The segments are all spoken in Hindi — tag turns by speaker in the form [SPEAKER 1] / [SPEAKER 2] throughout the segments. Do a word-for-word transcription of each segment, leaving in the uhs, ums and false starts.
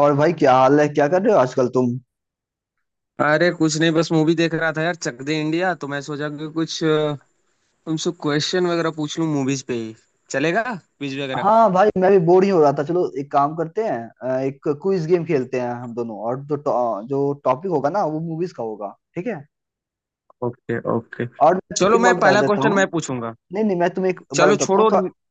[SPEAKER 1] और भाई, क्या हाल है? क्या कर रहे हो आजकल तुम?
[SPEAKER 2] अरे कुछ नहीं, बस मूवी देख रहा था यार, चक दे इंडिया। तो मैं सोचा कि कुछ अ, तुमसे क्वेश्चन वगैरह पूछ लूं, मूवीज पे ही। चलेगा क्विज वगैरह?
[SPEAKER 1] हाँ भाई, मैं भी बोर ही हो रहा था। चलो, एक काम करते हैं। अ, एक क्विज गेम खेलते हैं हम दोनों, और जो टॉ- जो टॉपिक होगा ना, वो मूवीज का होगा, ठीक है।
[SPEAKER 2] Okay okay.
[SPEAKER 1] और मैं तुम्हें
[SPEAKER 2] चलो
[SPEAKER 1] एक
[SPEAKER 2] मैं
[SPEAKER 1] बात बता
[SPEAKER 2] पहला
[SPEAKER 1] देता
[SPEAKER 2] क्वेश्चन
[SPEAKER 1] हूँ।
[SPEAKER 2] मैं पूछूंगा।
[SPEAKER 1] नहीं नहीं, मैं तुम्हें एक बात
[SPEAKER 2] चलो
[SPEAKER 1] बताता हूँ
[SPEAKER 2] छोड़ो।
[SPEAKER 1] तो।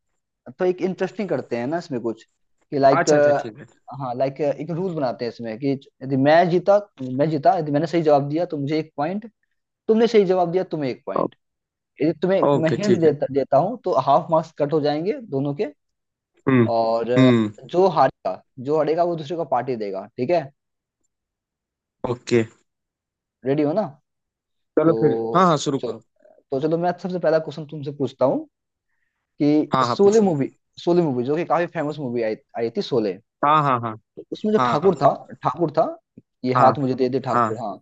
[SPEAKER 1] तो एक इंटरेस्टिंग करते हैं ना इसमें कुछ, कि लाइक।
[SPEAKER 2] अच्छा अच्छा, ठीक है।
[SPEAKER 1] हाँ लाइक, एक रूल बनाते हैं इसमें कि यदि मैं जीता, मैं जीता यदि मैंने सही जवाब दिया तो मुझे एक पॉइंट। तुमने सही जवाब दिया, तुम्हें एक
[SPEAKER 2] ओ-
[SPEAKER 1] पॉइंट। यदि तुम्हें मैं
[SPEAKER 2] ओके
[SPEAKER 1] हिंट
[SPEAKER 2] ठीक है।
[SPEAKER 1] देता देता हूँ तो हाफ मार्क्स कट हो जाएंगे दोनों के।
[SPEAKER 2] हम्म।
[SPEAKER 1] और अ,
[SPEAKER 2] हम्म।
[SPEAKER 1] जो हारेगा, जो हारेगा वो दूसरे को पार्टी देगा, ठीक है।
[SPEAKER 2] ओके।
[SPEAKER 1] रेडी हो ना?
[SPEAKER 2] चलो फिर, हाँ
[SPEAKER 1] तो
[SPEAKER 2] हाँ शुरू
[SPEAKER 1] चलो
[SPEAKER 2] करो।
[SPEAKER 1] तो चलो मैं सबसे पहला क्वेश्चन तुमसे पूछता हूँ कि
[SPEAKER 2] हाँ हाँ
[SPEAKER 1] शोले
[SPEAKER 2] पूछो।
[SPEAKER 1] मूवी शोले मूवी जो कि काफी फेमस मूवी आई आई थी, शोले।
[SPEAKER 2] हाँ हाँ हाँ।
[SPEAKER 1] तो उसमें जो
[SPEAKER 2] हाँ।
[SPEAKER 1] ठाकुर था, ठाकुर था, ये
[SPEAKER 2] हाँ।
[SPEAKER 1] हाथ मुझे दे दे
[SPEAKER 2] हाँ।
[SPEAKER 1] ठाकुर, हाँ।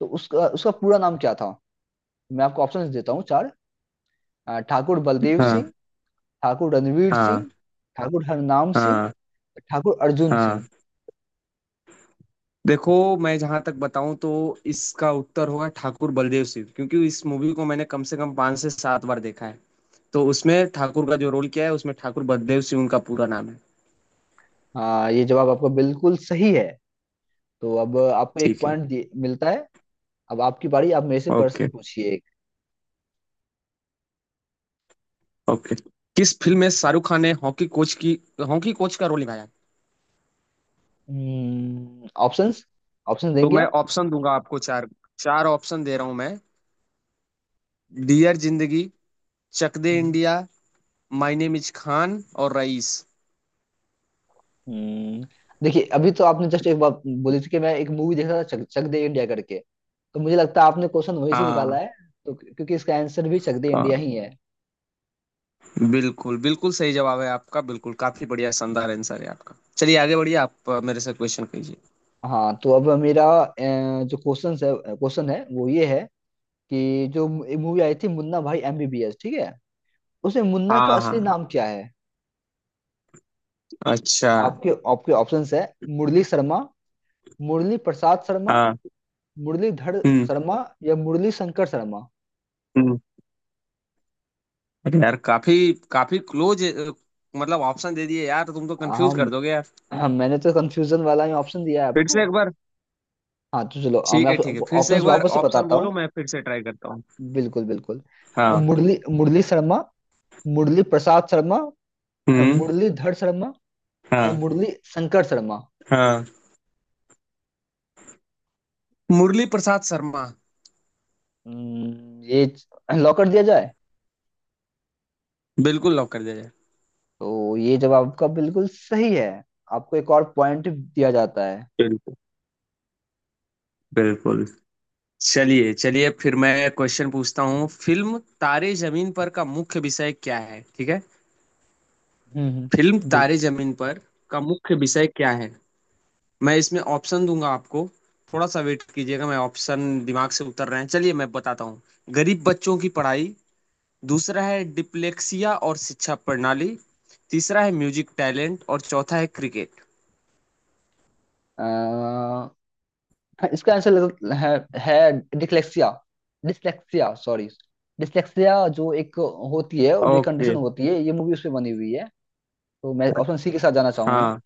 [SPEAKER 1] तो उसका उसका पूरा नाम क्या था? मैं आपको ऑप्शन देता हूँ चार। अ, ठाकुर बलदेव सिंह,
[SPEAKER 2] हाँ।
[SPEAKER 1] ठाकुर रणवीर
[SPEAKER 2] हाँ।
[SPEAKER 1] सिंह, ठाकुर हरनाम सिंह,
[SPEAKER 2] हाँ।
[SPEAKER 1] ठाकुर अर्जुन
[SPEAKER 2] हाँ।
[SPEAKER 1] सिंह।
[SPEAKER 2] देखो, मैं जहां तक बताऊं तो इसका उत्तर होगा ठाकुर बलदेव सिंह, क्योंकि इस मूवी को मैंने कम से कम पांच से सात बार देखा है। तो उसमें ठाकुर का जो रोल किया है उसमें ठाकुर बलदेव सिंह उनका पूरा नाम है।
[SPEAKER 1] हाँ, ये जवाब आपका बिल्कुल सही है। तो अब आपको एक
[SPEAKER 2] ठीक है।
[SPEAKER 1] पॉइंट मिलता है। अब आपकी बारी, आप मेरे से प्रश्न
[SPEAKER 2] ओके
[SPEAKER 1] पूछिए एक।
[SPEAKER 2] ओके। किस फिल्म में शाहरुख खान ने हॉकी कोच की, हॉकी कोच का रोल निभाया?
[SPEAKER 1] हम्म, ऑप्शंस ऑप्शन
[SPEAKER 2] तो
[SPEAKER 1] देंगे
[SPEAKER 2] मैं
[SPEAKER 1] आप?
[SPEAKER 2] ऑप्शन दूंगा आपको चार। चार ऑप्शन दे रहा हूं मैं। डियर जिंदगी, चक दे
[SPEAKER 1] हम्म।
[SPEAKER 2] India, my name is Khan और रईस।
[SPEAKER 1] हम्म। देखिए, अभी तो आपने जस्ट एक बात बोली थी कि मैं एक मूवी देख रहा था चक, चक दे इंडिया करके। तो मुझे लगता है आपने क्वेश्चन वहीं से निकाला
[SPEAKER 2] हाँ
[SPEAKER 1] है। तो क्योंकि इसका आंसर भी चक दे इंडिया ही है।
[SPEAKER 2] बिल्कुल, बिल्कुल सही जवाब है आपका, बिल्कुल काफ़ी बढ़िया शानदार आंसर है आपका। चलिए आगे बढ़िए, आप अ, मेरे से क्वेश्चन कीजिए।
[SPEAKER 1] हाँ, तो अब मेरा अ, जो क्वेश्चन है क्वेश्चन है वो ये है कि जो मूवी आई थी मुन्ना भाई एमबीबीएस, ठीक है, उसमें मुन्ना
[SPEAKER 2] हाँ,
[SPEAKER 1] का
[SPEAKER 2] हाँ,
[SPEAKER 1] असली
[SPEAKER 2] हाँ।
[SPEAKER 1] नाम क्या है?
[SPEAKER 2] अच्छा।
[SPEAKER 1] आपके आपके ऑप्शंस है मुरली शर्मा, मुरली प्रसाद शर्मा,
[SPEAKER 2] हाँ।
[SPEAKER 1] मुरलीधर
[SPEAKER 2] हुँ।
[SPEAKER 1] शर्मा, या मुरली शंकर शर्मा।
[SPEAKER 2] हुँ। अरे यार, काफ़ी काफ़ी क्लोज अ, मतलब ऑप्शन दे दिए यार, तुम तो कन्फ्यूज़
[SPEAKER 1] हम
[SPEAKER 2] कर दोगे यार।
[SPEAKER 1] हम मैंने तो कंफ्यूजन वाला ही ऑप्शन दिया है
[SPEAKER 2] फिर से
[SPEAKER 1] आपको।
[SPEAKER 2] एक बार।
[SPEAKER 1] हाँ, तो चलो, अ, मैं
[SPEAKER 2] ठीक है,
[SPEAKER 1] आपको
[SPEAKER 2] ठीक है,
[SPEAKER 1] आपको
[SPEAKER 2] फिर से एक
[SPEAKER 1] ऑप्शंस
[SPEAKER 2] बार
[SPEAKER 1] वापस से
[SPEAKER 2] ऑप्शन
[SPEAKER 1] बताता
[SPEAKER 2] बोलो,
[SPEAKER 1] हूँ।
[SPEAKER 2] मैं फिर से ट्राई करता हूँ।
[SPEAKER 1] बिल्कुल बिल्कुल। अ,
[SPEAKER 2] हाँ।
[SPEAKER 1] मुरली मुरली शर्मा, मुरली प्रसाद शर्मा, अ,
[SPEAKER 2] हुँ।
[SPEAKER 1] मुरलीधर शर्मा, या
[SPEAKER 2] हाँ।
[SPEAKER 1] मुरली शंकर शर्मा।
[SPEAKER 2] हाँ। मुरली प्रसाद शर्मा।
[SPEAKER 1] हम्म, ये लॉक कर दिया जाए?
[SPEAKER 2] बिल्कुल लॉक कर दिया जाए।
[SPEAKER 1] तो ये जवाब आपका बिल्कुल सही है। आपको एक और पॉइंट दिया जाता है।
[SPEAKER 2] बिल्कुल, बिल्कुल। चलिए चलिए फिर मैं क्वेश्चन पूछता हूँ। फिल्म तारे जमीन पर का मुख्य विषय क्या है, ठीक है?
[SPEAKER 1] हम्म हम्म,
[SPEAKER 2] फिल्म
[SPEAKER 1] बिल,
[SPEAKER 2] तारे जमीन पर का मुख्य विषय क्या है? मैं इसमें ऑप्शन दूंगा आपको। थोड़ा सा वेट कीजिएगा, मैं ऑप्शन दिमाग से उतर रहे हैं, चलिए मैं बताता हूँ। गरीब बच्चों की पढ़ाई, दूसरा है डिप्लेक्सिया और शिक्षा प्रणाली, तीसरा है म्यूजिक टैलेंट, और चौथा है क्रिकेट।
[SPEAKER 1] अ, हाँ, इसका आंसर है, है डिसलेक्सिया डिसलेक्सिया सॉरी डिसलेक्सिया, जो एक होती है, जो एक कंडीशन
[SPEAKER 2] ओके।
[SPEAKER 1] होती है, ये मूवी उसमें बनी हुई है। तो मैं ऑप्शन सी के साथ जाना चाहूंगा।
[SPEAKER 2] हाँ।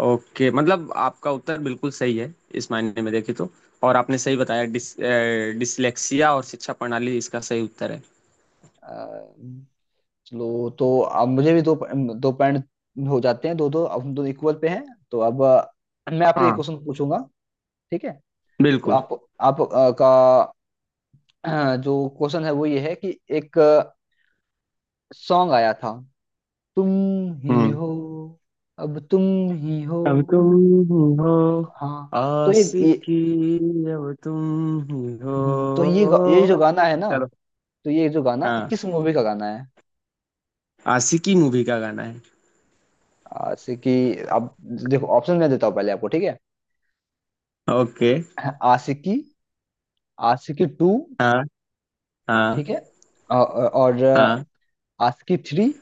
[SPEAKER 2] ओके, मतलब आपका उत्तर बिल्कुल सही है, इस मायने में देखें तो। और आपने सही बताया, डिस, अ, डिसलेक्सिया और शिक्षा प्रणाली इसका सही उत्तर है।
[SPEAKER 1] अ, चलो, तो अब मुझे भी दो, दो पॉइंट हो जाते हैं। दो दो, अब हम दोनों इक्वल पे हैं। तो अब अ, मैं आपसे एक
[SPEAKER 2] हाँ।
[SPEAKER 1] क्वेश्चन पूछूंगा, ठीक है। तो
[SPEAKER 2] बिल्कुल।
[SPEAKER 1] आप आप अ, का अ, जो क्वेश्चन है वो ये है कि एक सॉन्ग आया था, तुम ही
[SPEAKER 2] हम्म।
[SPEAKER 1] हो, अब तुम ही हो।
[SPEAKER 2] अब तुम हो।
[SPEAKER 1] हाँ। तो ये ये
[SPEAKER 2] आशिकी। अब तुम ही हो।
[SPEAKER 1] हम्म, तो ये गा- ये जो गाना है ना,
[SPEAKER 2] चलो।
[SPEAKER 1] तो ये जो गाना
[SPEAKER 2] हाँ,
[SPEAKER 1] किस मूवी का गाना है?
[SPEAKER 2] आशिकी मूवी का गाना है।
[SPEAKER 1] आ, जैसे कि आप, देखो, ऑप्शन मैं देता हूँ पहले आपको, ठीक है।
[SPEAKER 2] ओके।
[SPEAKER 1] आशिकी, आशिकी टू,
[SPEAKER 2] हाँ। हाँ।
[SPEAKER 1] ठीक है, अ- अ- और अ,
[SPEAKER 2] हाँ।
[SPEAKER 1] आशिकी थ्री,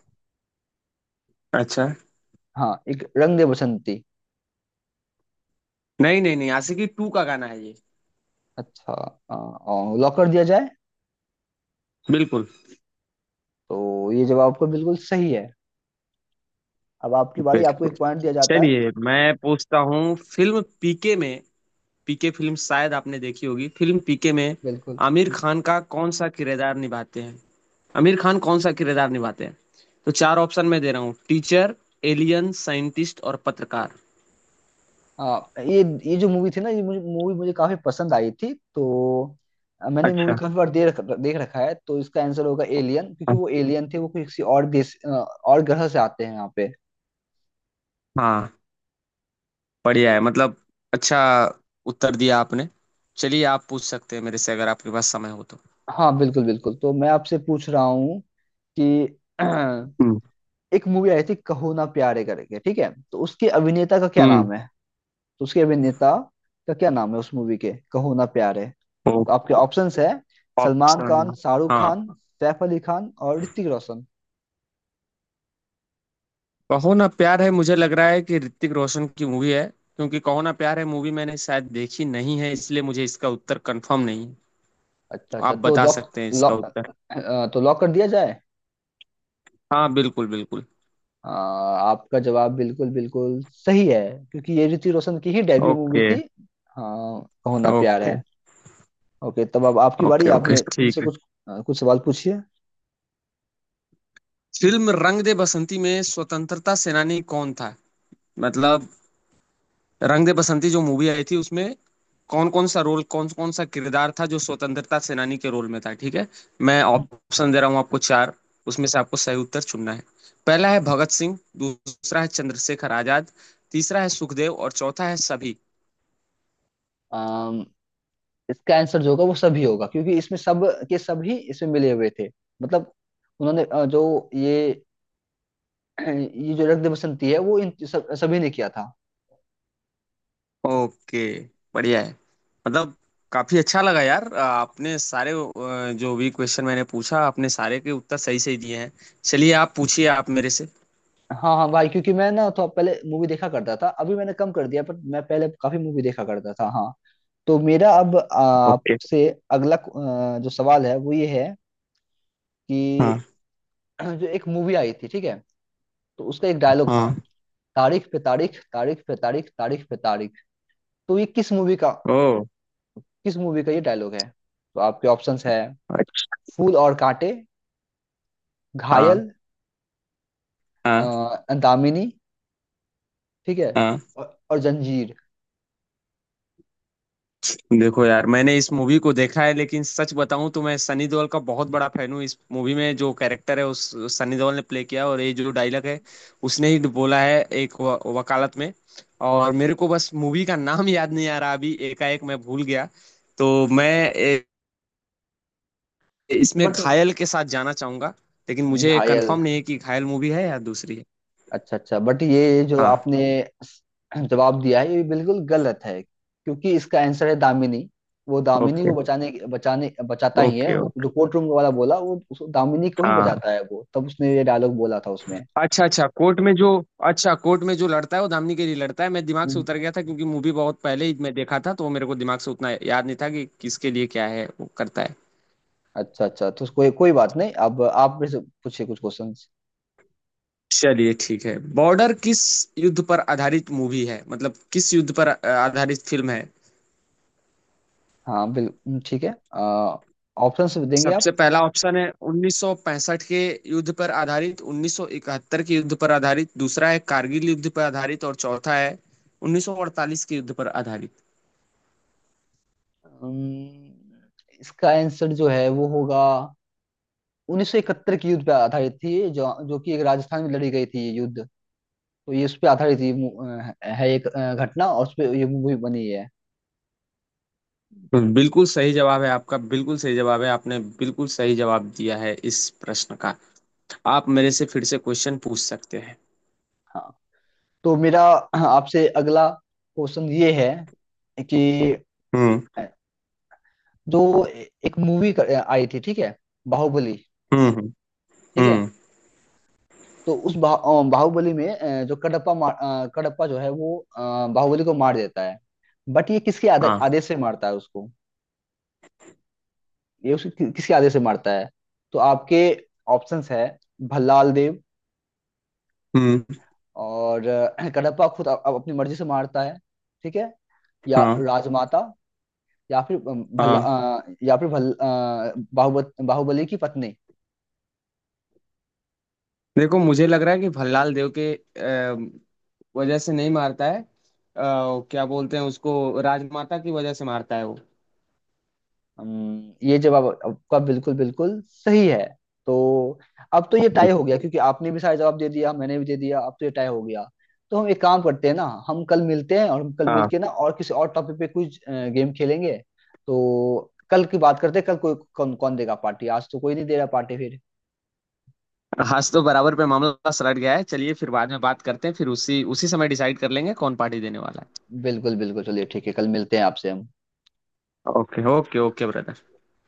[SPEAKER 2] अच्छा।
[SPEAKER 1] हाँ, एक रंग दे बसंती।
[SPEAKER 2] नहीं नहीं नहीं, आशिकी टू का गाना है ये।
[SPEAKER 1] अच्छा। अ, अ, लॉक कर दिया जाए?
[SPEAKER 2] बिल्कुल।
[SPEAKER 1] तो ये जवाब आपका बिल्कुल सही है। अब आपकी बारी, आपको
[SPEAKER 2] बिल्कुल।
[SPEAKER 1] एक पॉइंट दिया जाता है।
[SPEAKER 2] चलिए मैं पूछता हूँ, फिल्म पीके में, पीके फिल्म शायद आपने देखी होगी, फिल्म पीके में
[SPEAKER 1] बिल्कुल।
[SPEAKER 2] आमिर खान का कौन सा किरदार निभाते हैं? आमिर खान कौन सा किरदार निभाते हैं? तो चार ऑप्शन मैं दे रहा हूँ: टीचर, एलियन, साइंटिस्ट और पत्रकार।
[SPEAKER 1] आ, ये ये जो मूवी थी ना, ये मुझे मूवी मुझे काफी पसंद आई थी। तो अ, मैंने मूवी
[SPEAKER 2] अच्छा।
[SPEAKER 1] काफी बार देख देख रखा है, तो इसका आंसर होगा एलियन, क्योंकि
[SPEAKER 2] हाँ।
[SPEAKER 1] वो एलियन थे। वो किसी और देश अ, और ग्रह से आते हैं यहाँ पे।
[SPEAKER 2] हाँ, बढ़िया है मतलब, अच्छा उत्तर दिया आपने। चलिए आप पूछ सकते हैं मेरे से, अगर आपके पास समय हो तो।
[SPEAKER 1] हाँ बिल्कुल बिल्कुल, तो मैं आपसे पूछ रहा हूँ कि
[SPEAKER 2] हम्म।
[SPEAKER 1] एक मूवी आई थी कहो ना प्यारे करके, ठीक है। तो उसके अभिनेता का क्या
[SPEAKER 2] हम्म।
[SPEAKER 1] नाम है? तो उसके अभिनेता का क्या नाम है उस मूवी के, कहो ना प्यारे? तो
[SPEAKER 2] ओ।
[SPEAKER 1] आपके ऑप्शंस है सलमान
[SPEAKER 2] ऑप्शन।
[SPEAKER 1] खान, शाहरुख
[SPEAKER 2] हाँ।
[SPEAKER 1] खान, सैफ अली खान और ऋतिक रोशन।
[SPEAKER 2] कहो ना प्यार है, मुझे लग रहा है कि ऋतिक रोशन की मूवी है, क्योंकि कहो ना प्यार है मूवी मैंने शायद देखी नहीं है, इसलिए मुझे इसका उत्तर कंफर्म नहीं है।
[SPEAKER 1] अच्छा
[SPEAKER 2] तो
[SPEAKER 1] अच्छा,
[SPEAKER 2] आप
[SPEAKER 1] तो
[SPEAKER 2] बता
[SPEAKER 1] लॉक
[SPEAKER 2] सकते हैं इसका
[SPEAKER 1] लॉक
[SPEAKER 2] उत्तर।
[SPEAKER 1] तो लॉक कर दिया जाए?
[SPEAKER 2] हाँ बिल्कुल बिल्कुल।
[SPEAKER 1] आ, आपका जवाब बिल्कुल बिल्कुल सही है, क्योंकि ये ऋतिक रोशन की ही डेब्यू मूवी
[SPEAKER 2] ओके
[SPEAKER 1] थी। हाँ, कहो ना प्यार है।
[SPEAKER 2] ओके।
[SPEAKER 1] ओके, तब अब आपकी बारी।
[SPEAKER 2] ओके
[SPEAKER 1] आप
[SPEAKER 2] ओके।
[SPEAKER 1] मे- मुझसे
[SPEAKER 2] ठीक है।
[SPEAKER 1] कुछ, आ, कुछ सवाल पूछिए।
[SPEAKER 2] फिल्म रंग दे बसंती में स्वतंत्रता सेनानी कौन था? मतलब रंग दे बसंती जो मूवी आई थी, उसमें कौन कौन सा रोल, कौन कौन सा किरदार था जो स्वतंत्रता सेनानी के रोल में था, ठीक है? मैं ऑप्शन दे रहा हूँ आपको चार, उसमें से आपको सही उत्तर चुनना है। पहला है भगत सिंह, दूसरा है चंद्रशेखर आजाद, तीसरा है सुखदेव, और चौथा है सभी।
[SPEAKER 1] अम, इसका आंसर जो होगा वो सभी होगा, क्योंकि इसमें सब के सभी इसमें मिले हुए थे। मतलब उन्होंने अ, जो ये ये जो रक्त दे बसंती है, वो इन सब सभी ने किया था।
[SPEAKER 2] ओके, बढ़िया है मतलब, काफी अच्छा लगा यार। अ, आपने सारे अ, जो भी क्वेश्चन मैंने पूछा, आपने सारे के उत्तर सही सही दिए हैं। चलिए आप पूछिए आप मेरे से।
[SPEAKER 1] हाँ हाँ भाई, क्योंकि मैं ना तो पहले मूवी देखा करता था, अभी मैंने कम कर दिया, पर मैं पहले काफी मूवी देखा करता था, हाँ। तो मेरा अब, आ,
[SPEAKER 2] ओके।
[SPEAKER 1] आपसे अगला, आ, जो सवाल है वो ये है कि
[SPEAKER 2] हाँ।
[SPEAKER 1] जो एक मूवी आई थी, ठीक है, तो उसका एक डायलॉग था,
[SPEAKER 2] हाँ।
[SPEAKER 1] तारीख पे तारीख, तारीख पे तारीख, तारीख पे तारीख। तो ये किस मूवी का
[SPEAKER 2] ओ।
[SPEAKER 1] किस मूवी का ये डायलॉग है? तो आपके ऑप्शंस है
[SPEAKER 2] अच्छा।
[SPEAKER 1] फूल और कांटे, घायल,
[SPEAKER 2] हाँ। हाँ।
[SPEAKER 1] आ, दामिनी, ठीक है,
[SPEAKER 2] हाँ।
[SPEAKER 1] और, और जंजीर।
[SPEAKER 2] देखो यार, मैंने इस मूवी को देखा है, लेकिन सच बताऊं तो मैं सनी देओल का बहुत बड़ा फैन हूँ। इस मूवी में जो कैरेक्टर है उस उस सनी देओल ने प्ले किया, और ये जो डायलॉग है उसने ही बोला है, एक व, वकालत में। और मेरे को बस मूवी का नाम याद नहीं आ रहा, अभी एकाएक मैं भूल गया। तो मैं ए,
[SPEAKER 1] तो
[SPEAKER 2] इसमें
[SPEAKER 1] बट
[SPEAKER 2] घायल के साथ जाना चाहूंगा, लेकिन मुझे
[SPEAKER 1] घायल।
[SPEAKER 2] कंफर्म नहीं है कि घायल मूवी है या दूसरी है।
[SPEAKER 1] अच्छा अच्छा, बट ये जो
[SPEAKER 2] हाँ।
[SPEAKER 1] आपने जवाब दिया है ये बिल्कुल गलत है, क्योंकि इसका आंसर है दामिनी। वो दामिनी
[SPEAKER 2] ओके
[SPEAKER 1] को बचाने बचाने बचाता ही है।
[SPEAKER 2] ओके।
[SPEAKER 1] वो जो
[SPEAKER 2] ओके।
[SPEAKER 1] कोर्ट रूम वाला बोला, वो उस दामिनी को ही
[SPEAKER 2] हाँ।
[SPEAKER 1] बचाता है। वो तब उसने ये डायलॉग बोला था उसमें।
[SPEAKER 2] अच्छा अच्छा, कोर्ट में जो, अच्छा कोर्ट में जो लड़ता है वो धामनी के लिए लड़ता है। मैं दिमाग से
[SPEAKER 1] हम्म,
[SPEAKER 2] उतर गया था क्योंकि मूवी बहुत पहले ही मैं देखा था, तो मेरे को दिमाग से उतना याद नहीं था कि किसके लिए क्या है वो करता है।
[SPEAKER 1] अच्छा अच्छा, तो कोई कोई बात नहीं। अब आप मेरे से पूछिए कुछ क्वेश्चंस।
[SPEAKER 2] चलिए ठीक है। बॉर्डर किस युद्ध पर आधारित मूवी है, मतलब किस युद्ध पर अ, आधारित फिल्म है?
[SPEAKER 1] हाँ बिल्कुल, ठीक है, ऑप्शंस देंगे आप?
[SPEAKER 2] सबसे पहला ऑप्शन है उन्नीस सौ पैंसठ के युद्ध पर आधारित, उन्नीस सौ इकहत्तर के युद्ध पर आधारित दूसरा है, कारगिल युद्ध पर आधारित, और चौथा है उन्नीस सौ अड़तालीस के युद्ध पर आधारित।
[SPEAKER 1] अम्म, इसका आंसर जो है वो होगा उन्नीस सौ इकहत्तर के युद्ध पे आधारित थी, जो जो कि एक राजस्थान में लड़ी गई थी ये युद्ध। तो ये उस पे आधारित ये मू- अ, है, एक अ, घटना, और उस पे ये मूवी बनी है।
[SPEAKER 2] बिल्कुल सही जवाब है आपका, बिल्कुल सही जवाब है, आपने बिल्कुल सही जवाब दिया है इस प्रश्न का। आप मेरे से फिर से क्वेश्चन पूछ सकते हैं।
[SPEAKER 1] हाँ, तो मेरा, हाँ, आपसे अगला क्वेश्चन ये है कि
[SPEAKER 2] हम्म।
[SPEAKER 1] जो एक मूवी आई थी, ठीक है, बाहुबली,
[SPEAKER 2] हम्म। हम्म।
[SPEAKER 1] ठीक है,
[SPEAKER 2] हम्म।
[SPEAKER 1] तो उस बा, अ, बाहुबली में अ, जो कडप्पा, मार अ, कडप्पा जो है वो अ, बाहुबली को मार देता है। बट ये किसके आदे,
[SPEAKER 2] हाँ।
[SPEAKER 1] आदेश से मारता है उसको? ये उसके कि, किसके आदेश से मारता है? तो आपके ऑप्शंस है भल्लाल देव,
[SPEAKER 2] हम्म।
[SPEAKER 1] और अ, कडप्पा खुद अ- अ- अपनी मर्जी से मारता है, ठीक है, या
[SPEAKER 2] हाँ।
[SPEAKER 1] राजमाता, या फिर अम, भल्ला
[SPEAKER 2] हाँ।
[SPEAKER 1] अ, या फिर भल बाहुबली बाहुबली की पत्नी।
[SPEAKER 2] देखो मुझे लग रहा है कि भल्लाल देव के अ, वजह से नहीं मारता है अ, क्या बोलते हैं उसको, राजमाता की वजह से मारता है वो।
[SPEAKER 1] अम, ये जवाब आपका बिल्कुल बिल्कुल सही है। तो अब तो ये टाई हो गया, क्योंकि आपने भी सारे जवाब दे दिया, मैंने भी दे दिया, अब तो ये टाई हो गया। तो हम एक काम करते हैं ना, हम कल मिलते हैं, और हम कल
[SPEAKER 2] हाँ।
[SPEAKER 1] मिलके ना, और किसी और टॉपिक पे कुछ गेम खेलेंगे। तो कल की बात करते हैं, कल कोई कौन कौन देगा पार्टी? आज तो कोई नहीं दे रहा पार्टी फिर।
[SPEAKER 2] आज तो बराबर पे मामला सलट गया है, चलिए फिर बाद में बात करते हैं, फिर उसी उसी समय डिसाइड कर लेंगे कौन पार्टी देने वाला
[SPEAKER 1] बिल्कुल बिल्कुल, चलिए ठीक है, कल मिलते हैं आपसे हम।
[SPEAKER 2] है। Okay okay okay brother.